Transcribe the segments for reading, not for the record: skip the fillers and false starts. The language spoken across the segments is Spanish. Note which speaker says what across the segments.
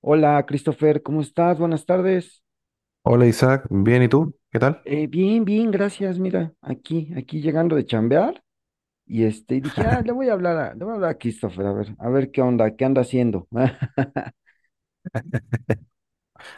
Speaker 1: Hola, Christopher, ¿cómo estás? Buenas tardes.
Speaker 2: Hola Isaac, bien, ¿y tú? ¿Qué tal?
Speaker 1: Bien, bien, gracias. Mira, aquí llegando de chambear y y dije, ah, le voy a hablar a Christopher, a ver qué onda, qué anda haciendo.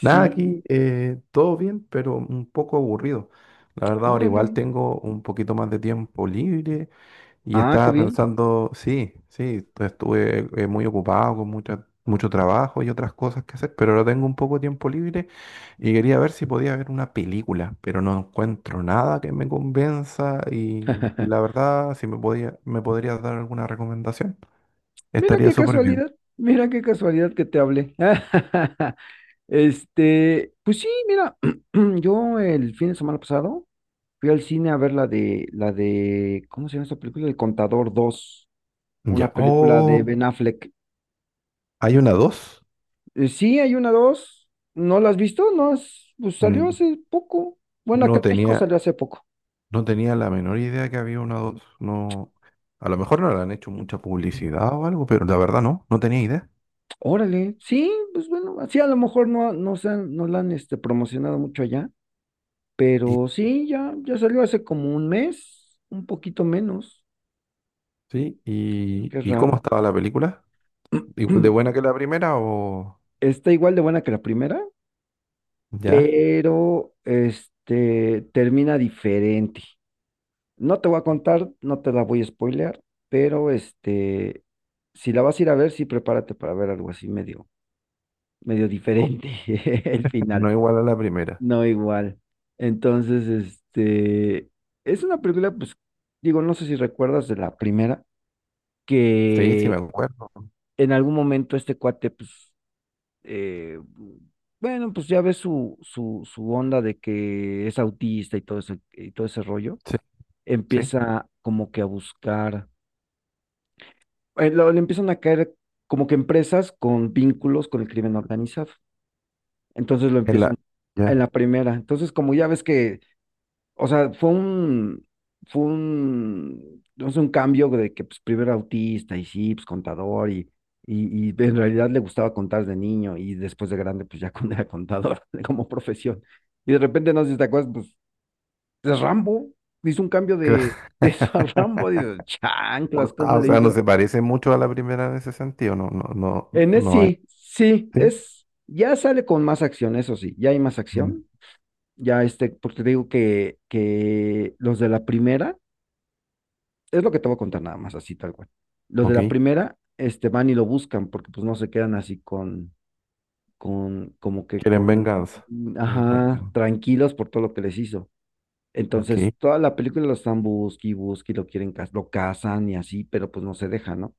Speaker 2: Nada, aquí
Speaker 1: Sí,
Speaker 2: todo bien, pero un poco aburrido. La verdad, ahora igual
Speaker 1: órale.
Speaker 2: tengo un poquito más de tiempo libre y
Speaker 1: Ah, qué
Speaker 2: estaba
Speaker 1: bien.
Speaker 2: pensando, sí, sí, estuve muy ocupado con mucho trabajo y otras cosas que hacer, pero ahora tengo un poco de tiempo libre y quería ver si podía ver una película, pero no encuentro nada que me convenza y la verdad, si me podía, me podrías dar alguna recomendación, estaría súper bien.
Speaker 1: Mira qué casualidad que te hablé. Pues sí, mira, yo el fin de semana pasado fui al cine a ver la de, ¿cómo se llama esta película? El Contador 2. Una
Speaker 2: Ya.
Speaker 1: película de
Speaker 2: Oh,
Speaker 1: Ben Affleck.
Speaker 2: ¿hay una dos?
Speaker 1: Sí, hay una, dos. ¿No la has visto? No, pues salió
Speaker 2: N-
Speaker 1: hace poco. Bueno, acá
Speaker 2: No
Speaker 1: en México
Speaker 2: tenía,
Speaker 1: salió hace poco.
Speaker 2: no tenía la menor idea que había una dos. No, a lo mejor no le han hecho mucha publicidad o algo, pero la verdad no, no tenía idea.
Speaker 1: Órale, sí, pues bueno, así a lo mejor no la han promocionado mucho allá,
Speaker 2: Y,
Speaker 1: pero sí, ya, ya salió hace como un mes, un poquito menos.
Speaker 2: sí,
Speaker 1: Qué
Speaker 2: ¿y cómo
Speaker 1: raro.
Speaker 2: estaba la película? ¿Igual de buena que la primera o
Speaker 1: Está igual de buena que la primera,
Speaker 2: ya?
Speaker 1: pero termina diferente. No te voy a contar, no te la voy a spoilear, pero si la vas a ir a ver, sí prepárate para ver algo así medio, medio
Speaker 2: Co-
Speaker 1: diferente, el
Speaker 2: No
Speaker 1: final,
Speaker 2: igual a la primera.
Speaker 1: no igual. Entonces, es una película, pues, digo, no sé si recuerdas de la primera,
Speaker 2: Sí, sí me
Speaker 1: que
Speaker 2: acuerdo.
Speaker 1: en algún momento este cuate, pues, eh, bueno, pues ya ves su onda de que es autista todo ese rollo,
Speaker 2: Sí, sí.
Speaker 1: empieza como que a buscar le empiezan a caer como que empresas con vínculos con el crimen organizado. Entonces lo
Speaker 2: En la,
Speaker 1: empiezan en
Speaker 2: ya.
Speaker 1: la primera. Entonces, como ya ves que, o sea, fue un, no sé, un cambio de que pues, primero era autista y sí, pues contador y, y en realidad le gustaba contar de niño y después de grande, pues ya era contador como profesión. Y de repente, no sé si te acuerdas, pues es Rambo, hizo un cambio
Speaker 2: Cla-
Speaker 1: de, de eso a Rambo, digo, chanclas,
Speaker 2: O
Speaker 1: ¿cómo
Speaker 2: ah, o
Speaker 1: le
Speaker 2: sea, no
Speaker 1: hizo?
Speaker 2: se parece mucho a la primera en ese sentido. No, no, no,
Speaker 1: En ese
Speaker 2: no hay.
Speaker 1: sí, sí,
Speaker 2: ¿Sí?
Speaker 1: ya sale con más acción, eso sí, ya hay más
Speaker 2: Mm.
Speaker 1: acción, ya porque te digo que los de la primera, es lo que te voy a contar nada más, así tal cual. Los de
Speaker 2: Ok.
Speaker 1: la primera, van y lo buscan, porque pues no se quedan así con, como que
Speaker 2: Quieren
Speaker 1: con,
Speaker 2: venganza. Quieren
Speaker 1: ajá,
Speaker 2: venganza.
Speaker 1: tranquilos por todo lo que les hizo.
Speaker 2: Ok.
Speaker 1: Entonces, toda la película lo están busque y busque y lo quieren, lo cazan y así, pero pues no se deja, ¿no?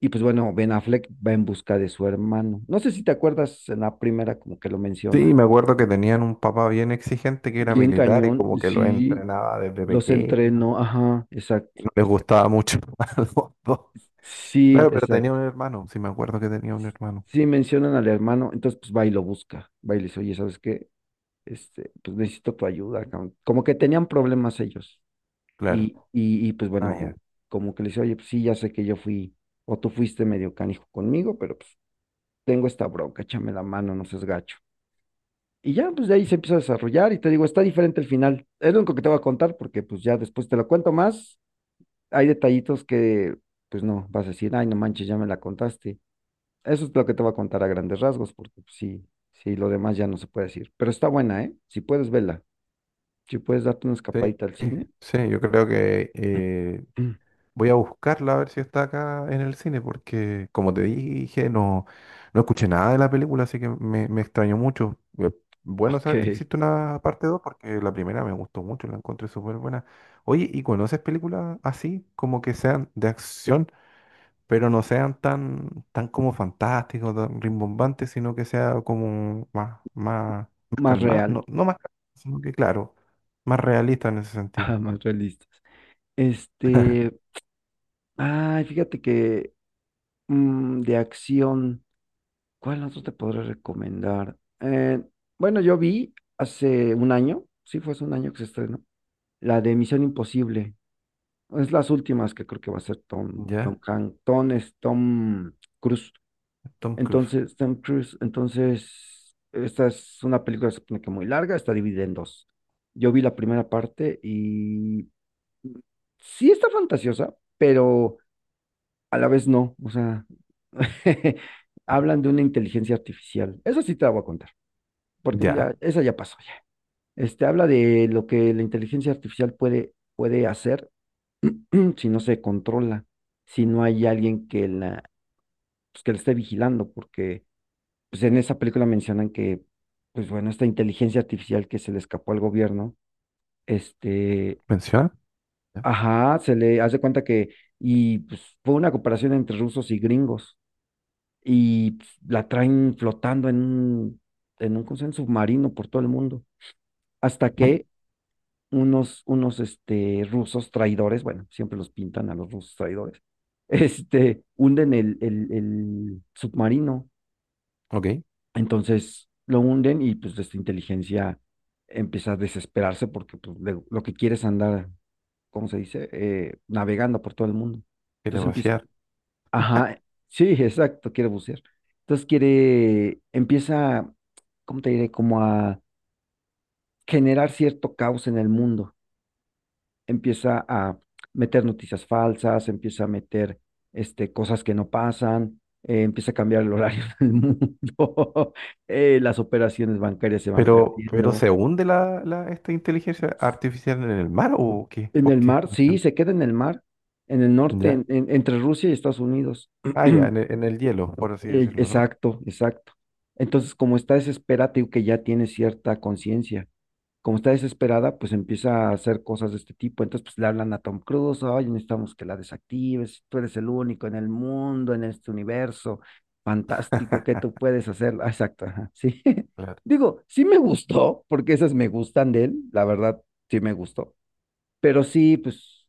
Speaker 1: Y pues bueno, Ben Affleck va en busca de su hermano. No sé si te acuerdas en la primera como que lo
Speaker 2: Sí,
Speaker 1: menciona.
Speaker 2: me acuerdo que tenían un papá bien exigente que era
Speaker 1: Bien
Speaker 2: militar y
Speaker 1: cañón,
Speaker 2: como que lo
Speaker 1: sí,
Speaker 2: entrenaba desde
Speaker 1: los
Speaker 2: pequeño
Speaker 1: entrenó, ajá,
Speaker 2: y
Speaker 1: exacto,
Speaker 2: no les
Speaker 1: exacto.
Speaker 2: gustaba mucho a los dos.
Speaker 1: Sí,
Speaker 2: Claro, pero tenía
Speaker 1: exacto.
Speaker 2: un hermano, sí me acuerdo que tenía un hermano,
Speaker 1: Sí, mencionan al hermano, entonces pues va y lo busca, va y le dice, oye, ¿sabes qué? Pues necesito tu ayuda, cabrón. Como que tenían problemas ellos.
Speaker 2: claro.
Speaker 1: Y pues
Speaker 2: Ah, ya.
Speaker 1: bueno, como que le dice, oye, pues sí, ya sé que yo fui, o tú fuiste medio canijo conmigo, pero pues tengo esta bronca, échame la mano, no seas gacho. Y ya, pues de ahí se empieza a desarrollar y te digo, está diferente el final. Es lo único que te voy a contar porque pues ya después te lo cuento más. Hay detallitos que pues no, vas a decir, ay, no manches, ya me la contaste. Eso es lo que te voy a contar a grandes rasgos porque pues, sí, sí, lo demás ya no se puede decir. Pero está buena, ¿eh? Si puedes verla, si puedes darte una
Speaker 2: Sí,
Speaker 1: escapadita al cine.
Speaker 2: sí, yo creo que
Speaker 1: Mm,
Speaker 2: voy a buscarla a ver si está acá en el cine, porque como te dije, no, no escuché nada de la película, así que me extrañó mucho. Bueno
Speaker 1: OK,
Speaker 2: saber que existe una parte 2 porque la primera me gustó mucho, la encontré súper buena. Oye, ¿y conoces películas así, como que sean de acción, pero no sean tan, tan como fantásticos, tan rimbombantes, sino que sea como más, más, más
Speaker 1: más
Speaker 2: calmada?
Speaker 1: real,
Speaker 2: No, no más calmada, sino que claro, más realista en ese sentido.
Speaker 1: ah, más realistas. Este, Ay, fíjate que de acción. ¿Cuál otro te podré recomendar? Bueno, yo vi hace un año, sí fue hace un año que se estrenó, la de Misión Imposible. Es las últimas que creo que va a ser
Speaker 2: ¿Ya?
Speaker 1: Tom Hanks, Tom es Tom Cruise.
Speaker 2: Tom Cruise.
Speaker 1: Entonces, Tom Cruise, entonces, esta es una película se supone que muy larga, está dividida en dos. Yo vi la primera parte y sí está fantasiosa, pero a la vez no. O sea, hablan de una inteligencia artificial. Eso sí te la voy a contar porque pues,
Speaker 2: ¿Ya?
Speaker 1: ya, eso ya pasó ya. Habla de lo que la inteligencia artificial puede hacer si no se controla, si no hay alguien pues, que la esté vigilando, porque pues, en esa película mencionan que, pues bueno, esta inteligencia artificial que se le escapó al gobierno, este,
Speaker 2: ¿Menciona?
Speaker 1: ajá, se le hace cuenta que, y pues fue una cooperación entre rusos y gringos, y pues, la traen flotando en un, ¿cómo se llama? Submarino por todo el mundo, hasta
Speaker 2: Ujú.
Speaker 1: que unos rusos traidores, bueno, siempre los pintan a los rusos traidores, hunden el submarino.
Speaker 2: Ok, es
Speaker 1: Entonces lo hunden y pues esta inteligencia empieza a desesperarse porque pues, lo que quiere es andar, ¿cómo se dice? Navegando por todo el mundo. Entonces empieza,
Speaker 2: demasiado.
Speaker 1: ajá, sí, exacto, quiere bucear. Entonces quiere, empieza, ¿cómo te diré? Como a generar cierto caos en el mundo, empieza a meter noticias falsas, empieza a meter cosas que no pasan, empieza a cambiar el horario del mundo, las operaciones bancarias se van
Speaker 2: Pero
Speaker 1: perdiendo.
Speaker 2: ¿se hunde esta inteligencia artificial en el mar o qué?
Speaker 1: En
Speaker 2: ¿Por
Speaker 1: el
Speaker 2: qué?
Speaker 1: mar,
Speaker 2: No
Speaker 1: sí,
Speaker 2: entiendo.
Speaker 1: se queda en el mar, en el norte,
Speaker 2: ¿Ya?
Speaker 1: entre Rusia y Estados Unidos.
Speaker 2: Ah, ya, en el hielo, por así decirlo, ¿no?
Speaker 1: Exacto, exacto. Entonces, como está desesperado y que ya tiene cierta conciencia, como está desesperada, pues empieza a hacer cosas de este tipo. Entonces, pues le hablan a Tom Cruise, oye, necesitamos que la desactives, tú eres el único en el mundo, en este universo fantástico, ¿qué tú puedes hacer? Ah, exacto, ajá, sí.
Speaker 2: Claro.
Speaker 1: Digo, sí me gustó, porque esas me gustan de él, la verdad, sí me gustó. Pero sí, pues,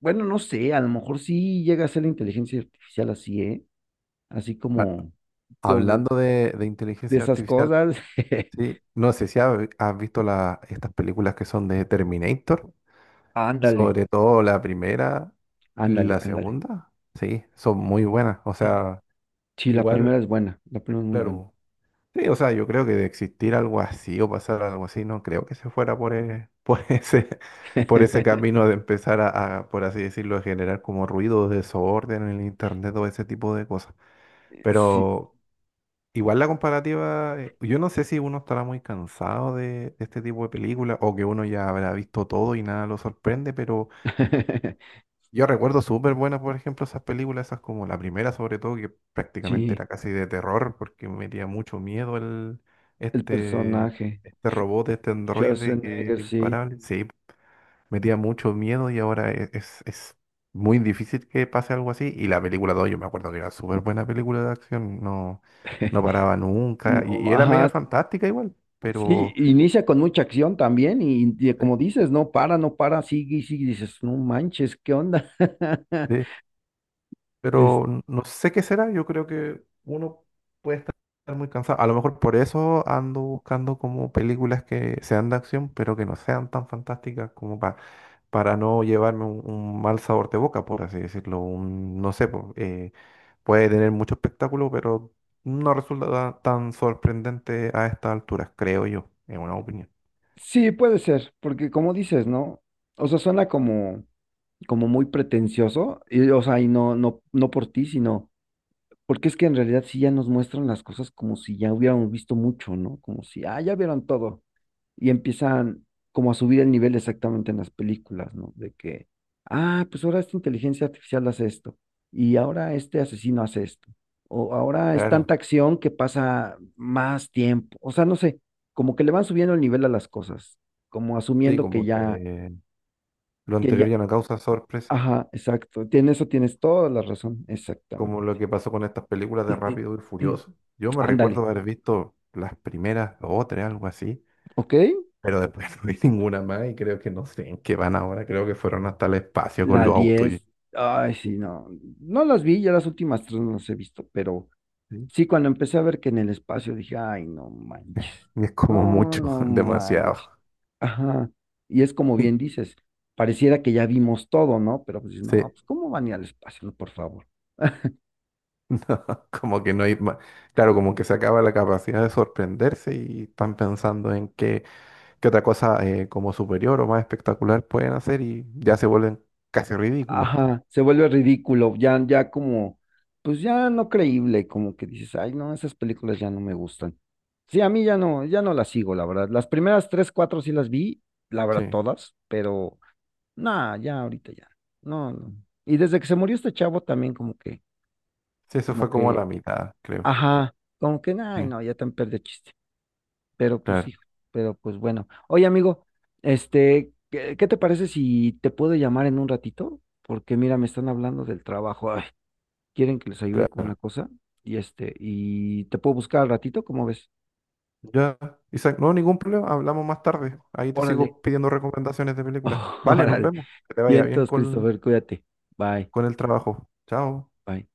Speaker 1: bueno, no sé, a lo mejor sí llega a ser la inteligencia artificial así, ¿eh? Así
Speaker 2: Ah,
Speaker 1: como
Speaker 2: hablando de
Speaker 1: de
Speaker 2: inteligencia
Speaker 1: esas
Speaker 2: artificial,
Speaker 1: cosas.
Speaker 2: sí, no sé si has visto estas películas que son de Terminator,
Speaker 1: Ándale,
Speaker 2: sobre todo la primera,
Speaker 1: ándale,
Speaker 2: la
Speaker 1: ándale.
Speaker 2: segunda, sí, son muy buenas. O sea,
Speaker 1: Sí, la
Speaker 2: igual,
Speaker 1: primera es buena, la primera es muy buena.
Speaker 2: claro. Sí, o sea, yo creo que de existir algo así o pasar algo así, no creo que se fuera por, por ese camino de empezar a, por así decirlo, a generar como ruido, desorden en el internet o ese tipo de cosas.
Speaker 1: Sí,
Speaker 2: Pero igual la comparativa, yo no sé si uno estará muy cansado de este tipo de películas o que uno ya habrá visto todo y nada lo sorprende, yo recuerdo súper buenas, por ejemplo, esas películas, esas como la primera sobre todo, que prácticamente
Speaker 1: sí,
Speaker 2: era casi de terror, porque me metía mucho miedo el,
Speaker 1: el
Speaker 2: este,
Speaker 1: personaje,
Speaker 2: este
Speaker 1: Sch-
Speaker 2: robot, este androide que
Speaker 1: Schwarzenegger,
Speaker 2: era
Speaker 1: sí.
Speaker 2: imparable. Sí, metía mucho miedo y ahora es muy difícil que pase algo así. Y la película 2 yo me acuerdo que era súper buena película de acción, no, no paraba nunca.
Speaker 1: No,
Speaker 2: Y era
Speaker 1: ajá,
Speaker 2: media fantástica igual,
Speaker 1: sí,
Speaker 2: pero...
Speaker 1: inicia con mucha acción también y, como dices, no para, no para, sigue y sigue, y dices, no manches, ¿qué onda?
Speaker 2: sí,
Speaker 1: Es-
Speaker 2: pero no sé qué será. Yo creo que uno puede estar muy cansado. A lo mejor por eso ando buscando como películas que sean de acción, pero que no sean tan fantásticas como para no llevarme un mal sabor de boca, por así decirlo. Un, no sé, po, puede tener mucho espectáculo, pero no resulta tan sorprendente a estas alturas, creo yo, en una opinión.
Speaker 1: sí, puede ser, porque como dices, ¿no? O sea, suena como muy pretencioso, y, o sea, y no, no, no por ti, sino... Porque es que en realidad sí ya nos muestran las cosas como si ya hubiéramos visto mucho, ¿no? Como si, ah, ya vieron todo. Y empiezan como a subir el nivel exactamente en las películas, ¿no? De que, ah, pues ahora esta inteligencia artificial hace esto. Y ahora este asesino hace esto. O ahora es tanta
Speaker 2: Claro,
Speaker 1: acción que pasa más tiempo. O sea, no sé, como que le van subiendo el nivel a las cosas, como
Speaker 2: sí,
Speaker 1: asumiendo que
Speaker 2: como
Speaker 1: ya,
Speaker 2: que lo
Speaker 1: que
Speaker 2: anterior
Speaker 1: ya,
Speaker 2: ya no causa sorpresa.
Speaker 1: ajá, exacto. En eso tienes toda la razón,
Speaker 2: Como
Speaker 1: exactamente.
Speaker 2: lo que pasó con estas películas de Rápido y Furioso. Yo me recuerdo
Speaker 1: Ándale,
Speaker 2: haber visto las primeras dos o tres, algo así,
Speaker 1: ¿ok?
Speaker 2: pero después no vi ninguna más y creo que no sé en qué van ahora. Creo que fueron hasta el espacio con
Speaker 1: La
Speaker 2: los autos y,
Speaker 1: diez ay, sí, no, no las vi, ya las últimas tres no las he visto, pero
Speaker 2: sí.
Speaker 1: sí, cuando empecé a ver que en el espacio dije, ay, no manches,
Speaker 2: Y es como
Speaker 1: no,
Speaker 2: mucho,
Speaker 1: no
Speaker 2: demasiado.
Speaker 1: manches, ajá, y es como
Speaker 2: Y
Speaker 1: bien dices, pareciera que ya vimos todo, ¿no? Pero pues dices, no,
Speaker 2: sí,
Speaker 1: pues, ¿cómo van a ir al espacio? No, por favor.
Speaker 2: no, como que no hay más. Claro, como que se acaba la capacidad de sorprenderse y están pensando en qué, qué otra cosa como superior o más espectacular pueden hacer y ya se vuelven casi ridículas.
Speaker 1: Ajá, se vuelve ridículo, ya, ya como, pues ya no creíble, como que dices, ay, no, esas películas ya no me gustan. Sí, a mí ya no, ya no las sigo, la verdad. Las primeras tres, cuatro sí las vi, la verdad,
Speaker 2: Sí.
Speaker 1: todas, pero nada, ya ahorita ya. No, no. Y desde que se murió este chavo también
Speaker 2: Sí, eso
Speaker 1: como
Speaker 2: fue como la
Speaker 1: que,
Speaker 2: mitad, creo.
Speaker 1: ajá, como que, ay,
Speaker 2: Sí,
Speaker 1: no, ya tan perdió chiste. Pero pues
Speaker 2: claro,
Speaker 1: hijo, pero pues bueno. Oye, amigo, ¿qué te parece si te puedo llamar en un ratito? Porque mira, me están hablando del trabajo. Quieren que les ayude con
Speaker 2: claro.
Speaker 1: una cosa y te puedo buscar al ratito, ¿cómo ves?
Speaker 2: Ya, Isaac, no, ningún problema, hablamos más tarde. Ahí te
Speaker 1: Órale,
Speaker 2: sigo pidiendo recomendaciones de películas. Vale, nos
Speaker 1: órale.
Speaker 2: vemos. Que te vaya bien
Speaker 1: Vientos, Christopher, cuídate. Bye,
Speaker 2: con el trabajo. Chao.
Speaker 1: bye.